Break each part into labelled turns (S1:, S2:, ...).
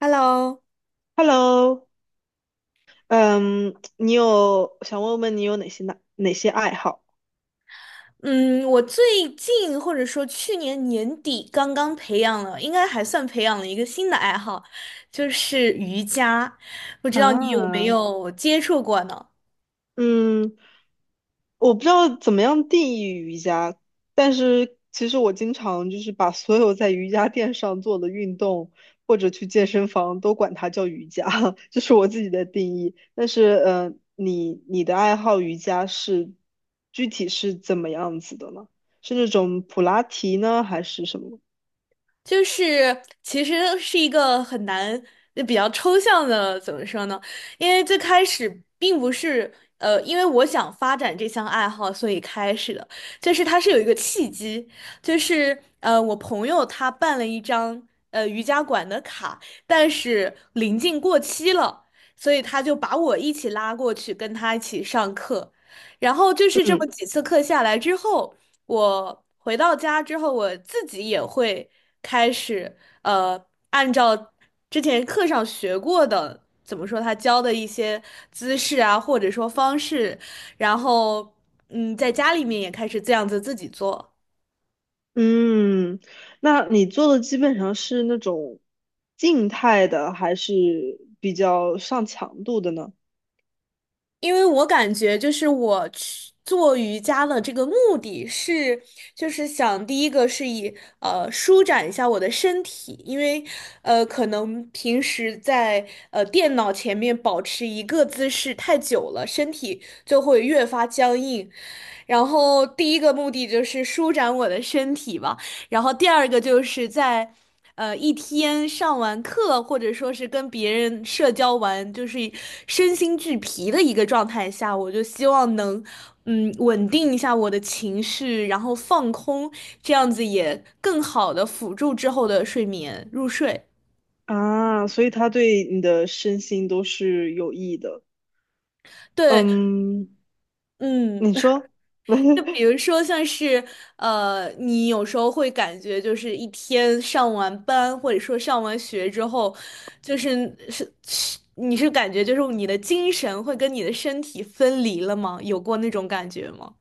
S1: Hello，
S2: Hello，嗯，你有想问问你有哪些爱好？
S1: 嗯，我最近或者说去年年底刚刚培养了，应该还算培养了一个新的爱好，就是瑜伽。不知道你有没
S2: 啊，
S1: 有接触过呢？
S2: 嗯，我不知道怎么样定义瑜伽，但是其实我经常就是把所有在瑜伽垫上做的运动或者去健身房都管它叫瑜伽，这是我自己的定义。但是，你的爱好瑜伽是具体是怎么样子的呢？是那种普拉提呢，还是什么？
S1: 就是其实是一个很难、比较抽象的，怎么说呢？因为最开始并不是因为我想发展这项爱好，所以开始的，就是它是有一个契机，就是,我朋友他办了一张瑜伽馆的卡，但是临近过期了，所以他就把我一起拉过去，跟他一起上课，然后就是这么
S2: 嗯。
S1: 几次课下来之后。我回到家之后，我自己也会开始呃，按照之前课上学过的，怎么说他教的一些姿势啊，或者说方式，然后嗯，在家里面也开始这样子自己做。
S2: 嗯，那你做的基本上是那种静态的，还是比较上强度的呢？
S1: 因为我感觉就是我去做瑜伽的这个目的是，就是想第一个是以舒展一下我的身体，因为可能平时在电脑前面保持一个姿势太久了，身体就会越发僵硬。然后第一个目的就是舒展我的身体吧。然后第二个就是在一天上完课，或者说是跟别人社交完，就是身心俱疲的一个状态下，我就希望能稳定一下我的情绪，然后放空，这样子也更好的辅助之后的睡眠入睡。
S2: 啊，所以它对你的身心都是有益的。
S1: 对，
S2: 嗯，
S1: 嗯，
S2: 你说。
S1: 就 比如说，像是你有时候会感觉就是一天上完班或者说上完学之后，就是是你是感觉就是你的精神会跟你的身体分离了吗？有过那种感觉吗？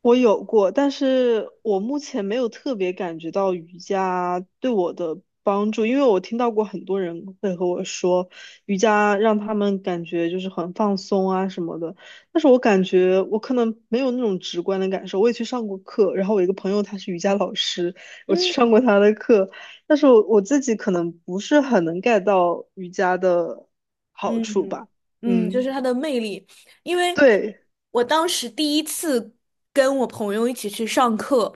S2: 我有过，但是我目前没有特别感觉到瑜伽对我的帮助，因为我听到过很多人会和我说，瑜伽让他们感觉就是很放松啊什么的，但是我感觉我可能没有那种直观的感受。我也去上过课，然后我一个朋友他是瑜伽老师，我去上
S1: 嗯，
S2: 过他的课，但是我自己可能不是很能 get 到瑜伽的好处
S1: 嗯
S2: 吧。
S1: 嗯，就
S2: 嗯，
S1: 是它的魅力，因为
S2: 对，
S1: 我当时第一次跟我朋友一起去上课，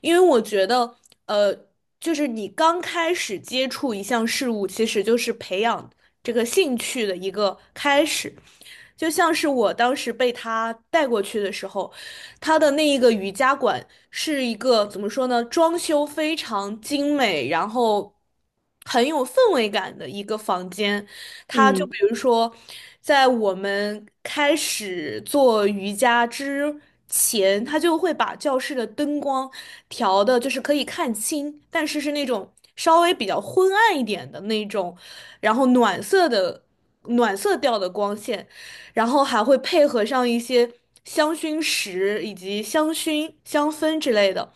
S1: 因为我觉得，呃，就是你刚开始接触一项事物，其实就是培养这个兴趣的一个开始。就像是我当时被他带过去的时候，他的那一个瑜伽馆是一个怎么说呢，装修非常精美，然后很有氛围感的一个房间。他就比
S2: 嗯
S1: 如说，在我们开始做瑜伽之前，他就会把教室的灯光调的，就是可以看清，但是是那种稍微比较昏暗一点的那种，然后暖色调的光线。然后还会配合上一些香薰石以及香薰、香氛之类的。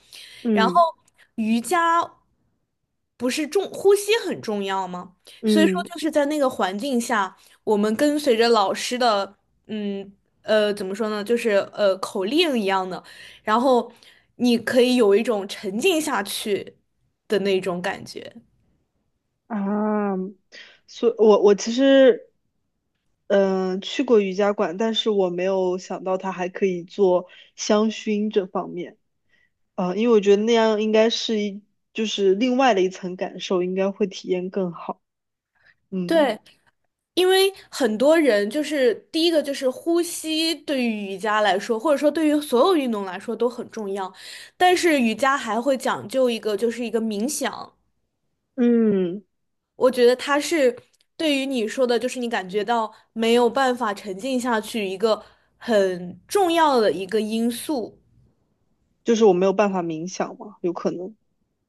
S1: 然后
S2: 嗯
S1: 瑜伽不是重，呼吸很重要吗？所以说
S2: 嗯。
S1: 就是在那个环境下，我们跟随着老师的，嗯怎么说呢，就是口令一样的，然后你可以有一种沉浸下去的那种感觉。
S2: 啊，所我其实，去过瑜伽馆，但是我没有想到它还可以做香薰这方面，啊、因为我觉得那样应该是一，就是另外的一层感受，应该会体验更好。嗯
S1: 对，因为很多人就是第一个就是呼吸，对于瑜伽来说，或者说对于所有运动来说都很重要，但是瑜伽还会讲究一个，就是一个冥想。
S2: 嗯，
S1: 我觉得它是对于你说的，就是你感觉到没有办法沉浸下去一个很重要的一个因素。
S2: 就是我没有办法冥想嘛，有可能。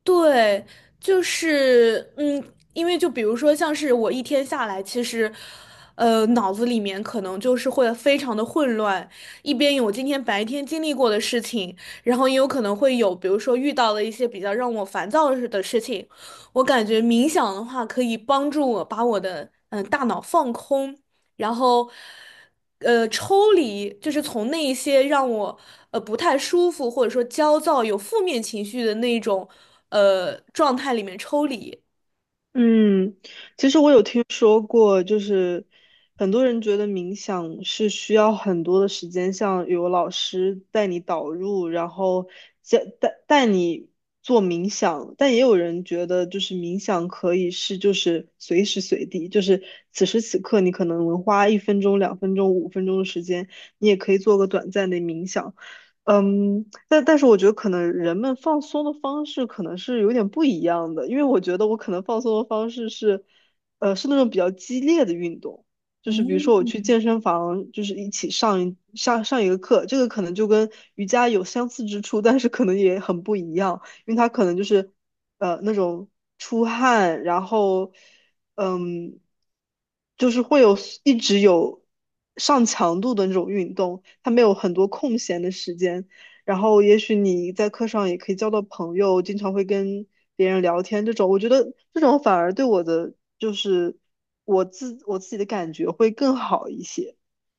S1: 对，就是,因为就比如说，像是我一天下来，其实，脑子里面可能就是会非常的混乱，一边有今天白天经历过的事情，然后也有可能会有，比如说遇到了一些比较让我烦躁的事情。我感觉冥想的话，可以帮助我把我的大脑放空，然后，抽离就是从那一些让我不太舒服或者说焦躁、有负面情绪的那种状态里面抽离。
S2: 嗯，其实我有听说过，就是很多人觉得冥想是需要很多的时间，像有老师带你导入，然后教带你做冥想，但也有人觉得就是冥想可以是就是随时随地，就是此时此刻你可能花1分钟、2分钟、5分钟的时间，你也可以做个短暂的冥想。嗯，但是我觉得可能人们放松的方式可能是有点不一样的，因为我觉得我可能放松的方式是，是那种比较激烈的运动，就是比如说我
S1: 嗯，
S2: 去健身房，就是一起上一个课，这个可能就跟瑜伽有相似之处，但是可能也很不一样，因为它可能就是，那种出汗，然后嗯，就是一直有上强度的那种运动，他没有很多空闲的时间。然后也许你在课上也可以交到朋友，经常会跟别人聊天这种，我觉得这种反而对我的就是我自己的感觉会更好一些。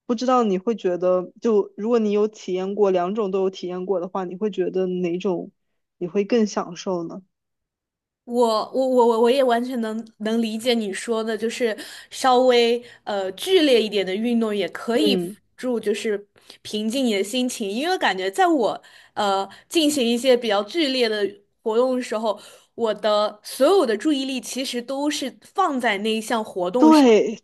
S2: 不知道你会觉得，就如果你有体验过两种都有体验过的话，你会觉得哪种你会更享受呢？
S1: 我我也完全能理解你说的，就是稍微剧烈一点的运动也可以辅
S2: 嗯，
S1: 助，就是平静你的心情。因为感觉在我进行一些比较剧烈的活动的时候，我的所有的注意力其实都是放在那一项活动上。
S2: 对，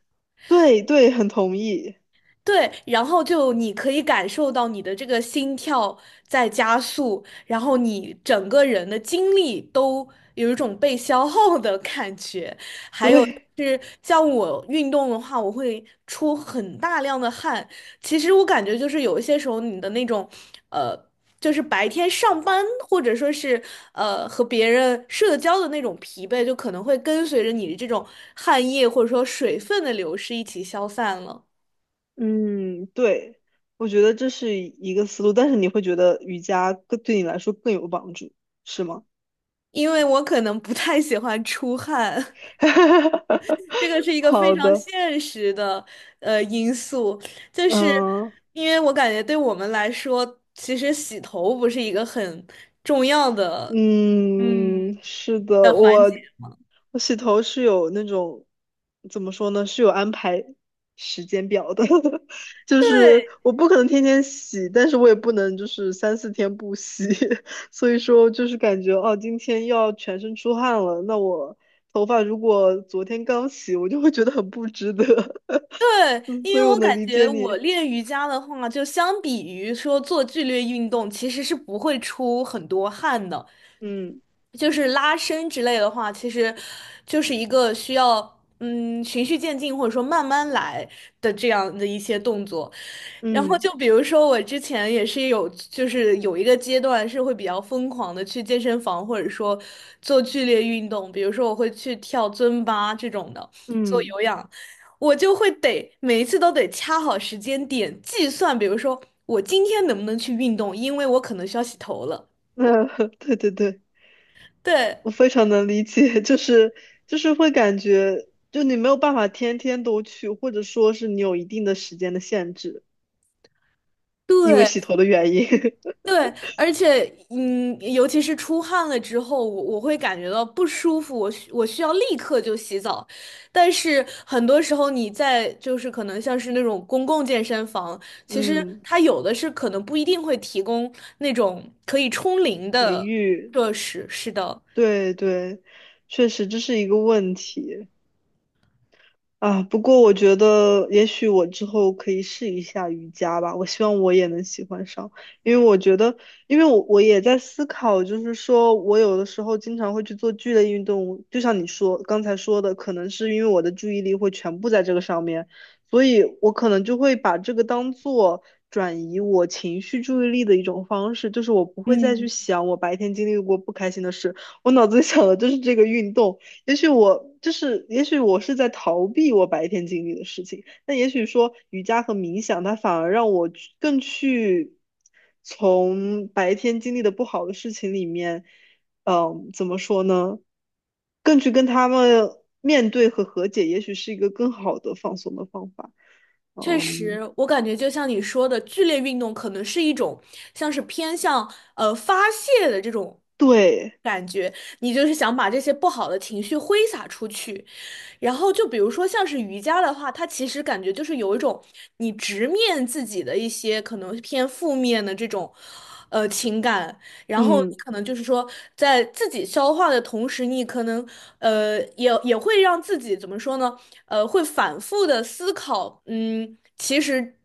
S2: 对对，很同意。
S1: 对，然后就你可以感受到你的这个心跳在加速，然后你整个人的精力都有一种被消耗的感觉。
S2: 对，
S1: 就是像我运动的话，我会出很大量的汗。其实我感觉就是有一些时候，你的那种，呃，就是白天上班或者说是和别人社交的那种疲惫，就可能会跟随着你的这种汗液或者说水分的流失一起消散了。
S2: 嗯，对，我觉得这是一个思路，但是你会觉得瑜伽更对你来说更有帮助，是吗？
S1: 因为我可能不太喜欢出汗。这 个是一个非
S2: 好
S1: 常
S2: 的，
S1: 现实的因素，就是
S2: 嗯。
S1: 因为我感觉对我们来说，其实洗头不是一个很重要的。嗯，
S2: 嗯，是的，我洗头是有那种怎么说呢，是有安排时间表的，就是
S1: 对
S2: 我不可能天天洗，但是我也不能就是三四天不洗，所以说就是感觉哦，今天要全身出汗了，那我头发如果昨天刚洗，我就会觉得很不值得，
S1: 对，
S2: 嗯，
S1: 因
S2: 所以
S1: 为
S2: 我
S1: 我
S2: 能
S1: 感
S2: 理
S1: 觉
S2: 解
S1: 我
S2: 你，
S1: 练瑜伽的话，就相比于说做剧烈运动，其实是不会出很多汗的。
S2: 嗯
S1: 就是拉伸之类的话，其实就是一个需要循序渐进或者说慢慢来的这样的一些动作。然后
S2: 嗯
S1: 就比如说我之前也是有，就是有一个阶段是会比较疯狂的去健身房或者说做剧烈运动，比如说我会去跳尊巴这种的，做
S2: 嗯，
S1: 有氧，我就会得每一次都得掐好时间点计算，比如说我今天能不能去运动，因为我可能需要洗头了。
S2: 那对对对。
S1: 对。
S2: 我非常能理解，就是会感觉，就你没有办法天天都去，或者说是你有一定的时间的限制，因为
S1: 对，
S2: 洗头的原因。
S1: 对，而且，嗯，尤其是出汗了之后，我会感觉到不舒服，我需要立刻就洗澡。但是很多时候你在就是可能像是那种公共健身房，其实
S2: 嗯，
S1: 它有的是可能不一定会提供那种可以冲淋
S2: 淋
S1: 的
S2: 浴，
S1: 设施。是的，
S2: 对对，确实这是一个问题。啊，不过我觉得也许我之后可以试一下瑜伽吧，我希望我也能喜欢上，因为我觉得，因为我也在思考，就是说我有的时候经常会去做剧烈运动，就像你说刚才说的，可能是因为我的注意力会全部在这个上面，所以我可能就会把这个当做转移我情绪注意力的一种方式，就是我不会再去
S1: 嗯。
S2: 想我白天经历过不开心的事，我脑子里想的就是这个运动。也许我就是，也许我是在逃避我白天经历的事情。那也许说瑜伽和冥想，它反而让我去更去从白天经历的不好的事情里面，嗯，怎么说呢？更去跟他们面对和和解，也许是一个更好的放松的方法。
S1: 确实，
S2: 嗯，
S1: 我感觉就像你说的，剧烈运动可能是一种像是偏向发泄的这种
S2: 对，
S1: 感觉，你就是想把这些不好的情绪挥洒出去。然后就比如说像是瑜伽的话，它其实感觉就是有一种你直面自己的一些可能偏负面的这种情感，然后你
S2: 嗯
S1: 可能就是说，在自己消化的同时，你可能也会让自己怎么说呢？会反复的思考，嗯，其实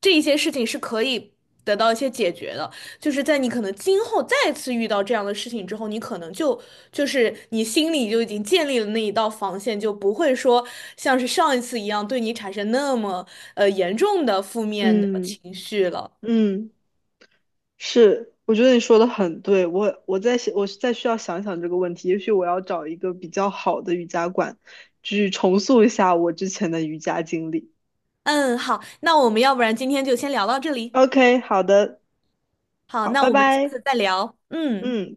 S1: 这一些事情是可以得到一些解决的。就是在你可能今后再次遇到这样的事情之后，你可能就是你心里就已经建立了那一道防线，就不会说像是上一次一样对你产生那么严重的负面的
S2: 嗯
S1: 情绪了。
S2: 嗯。是，我觉得你说的很对，我在想，我再需要想想这个问题，也许我要找一个比较好的瑜伽馆，去重塑一下我之前的瑜伽经历。
S1: 嗯，好，那我们要不然今天就先聊到这里。
S2: OK，好的，
S1: 好，
S2: 好，
S1: 那
S2: 拜
S1: 我们下
S2: 拜，
S1: 次再聊。嗯。
S2: 嗯。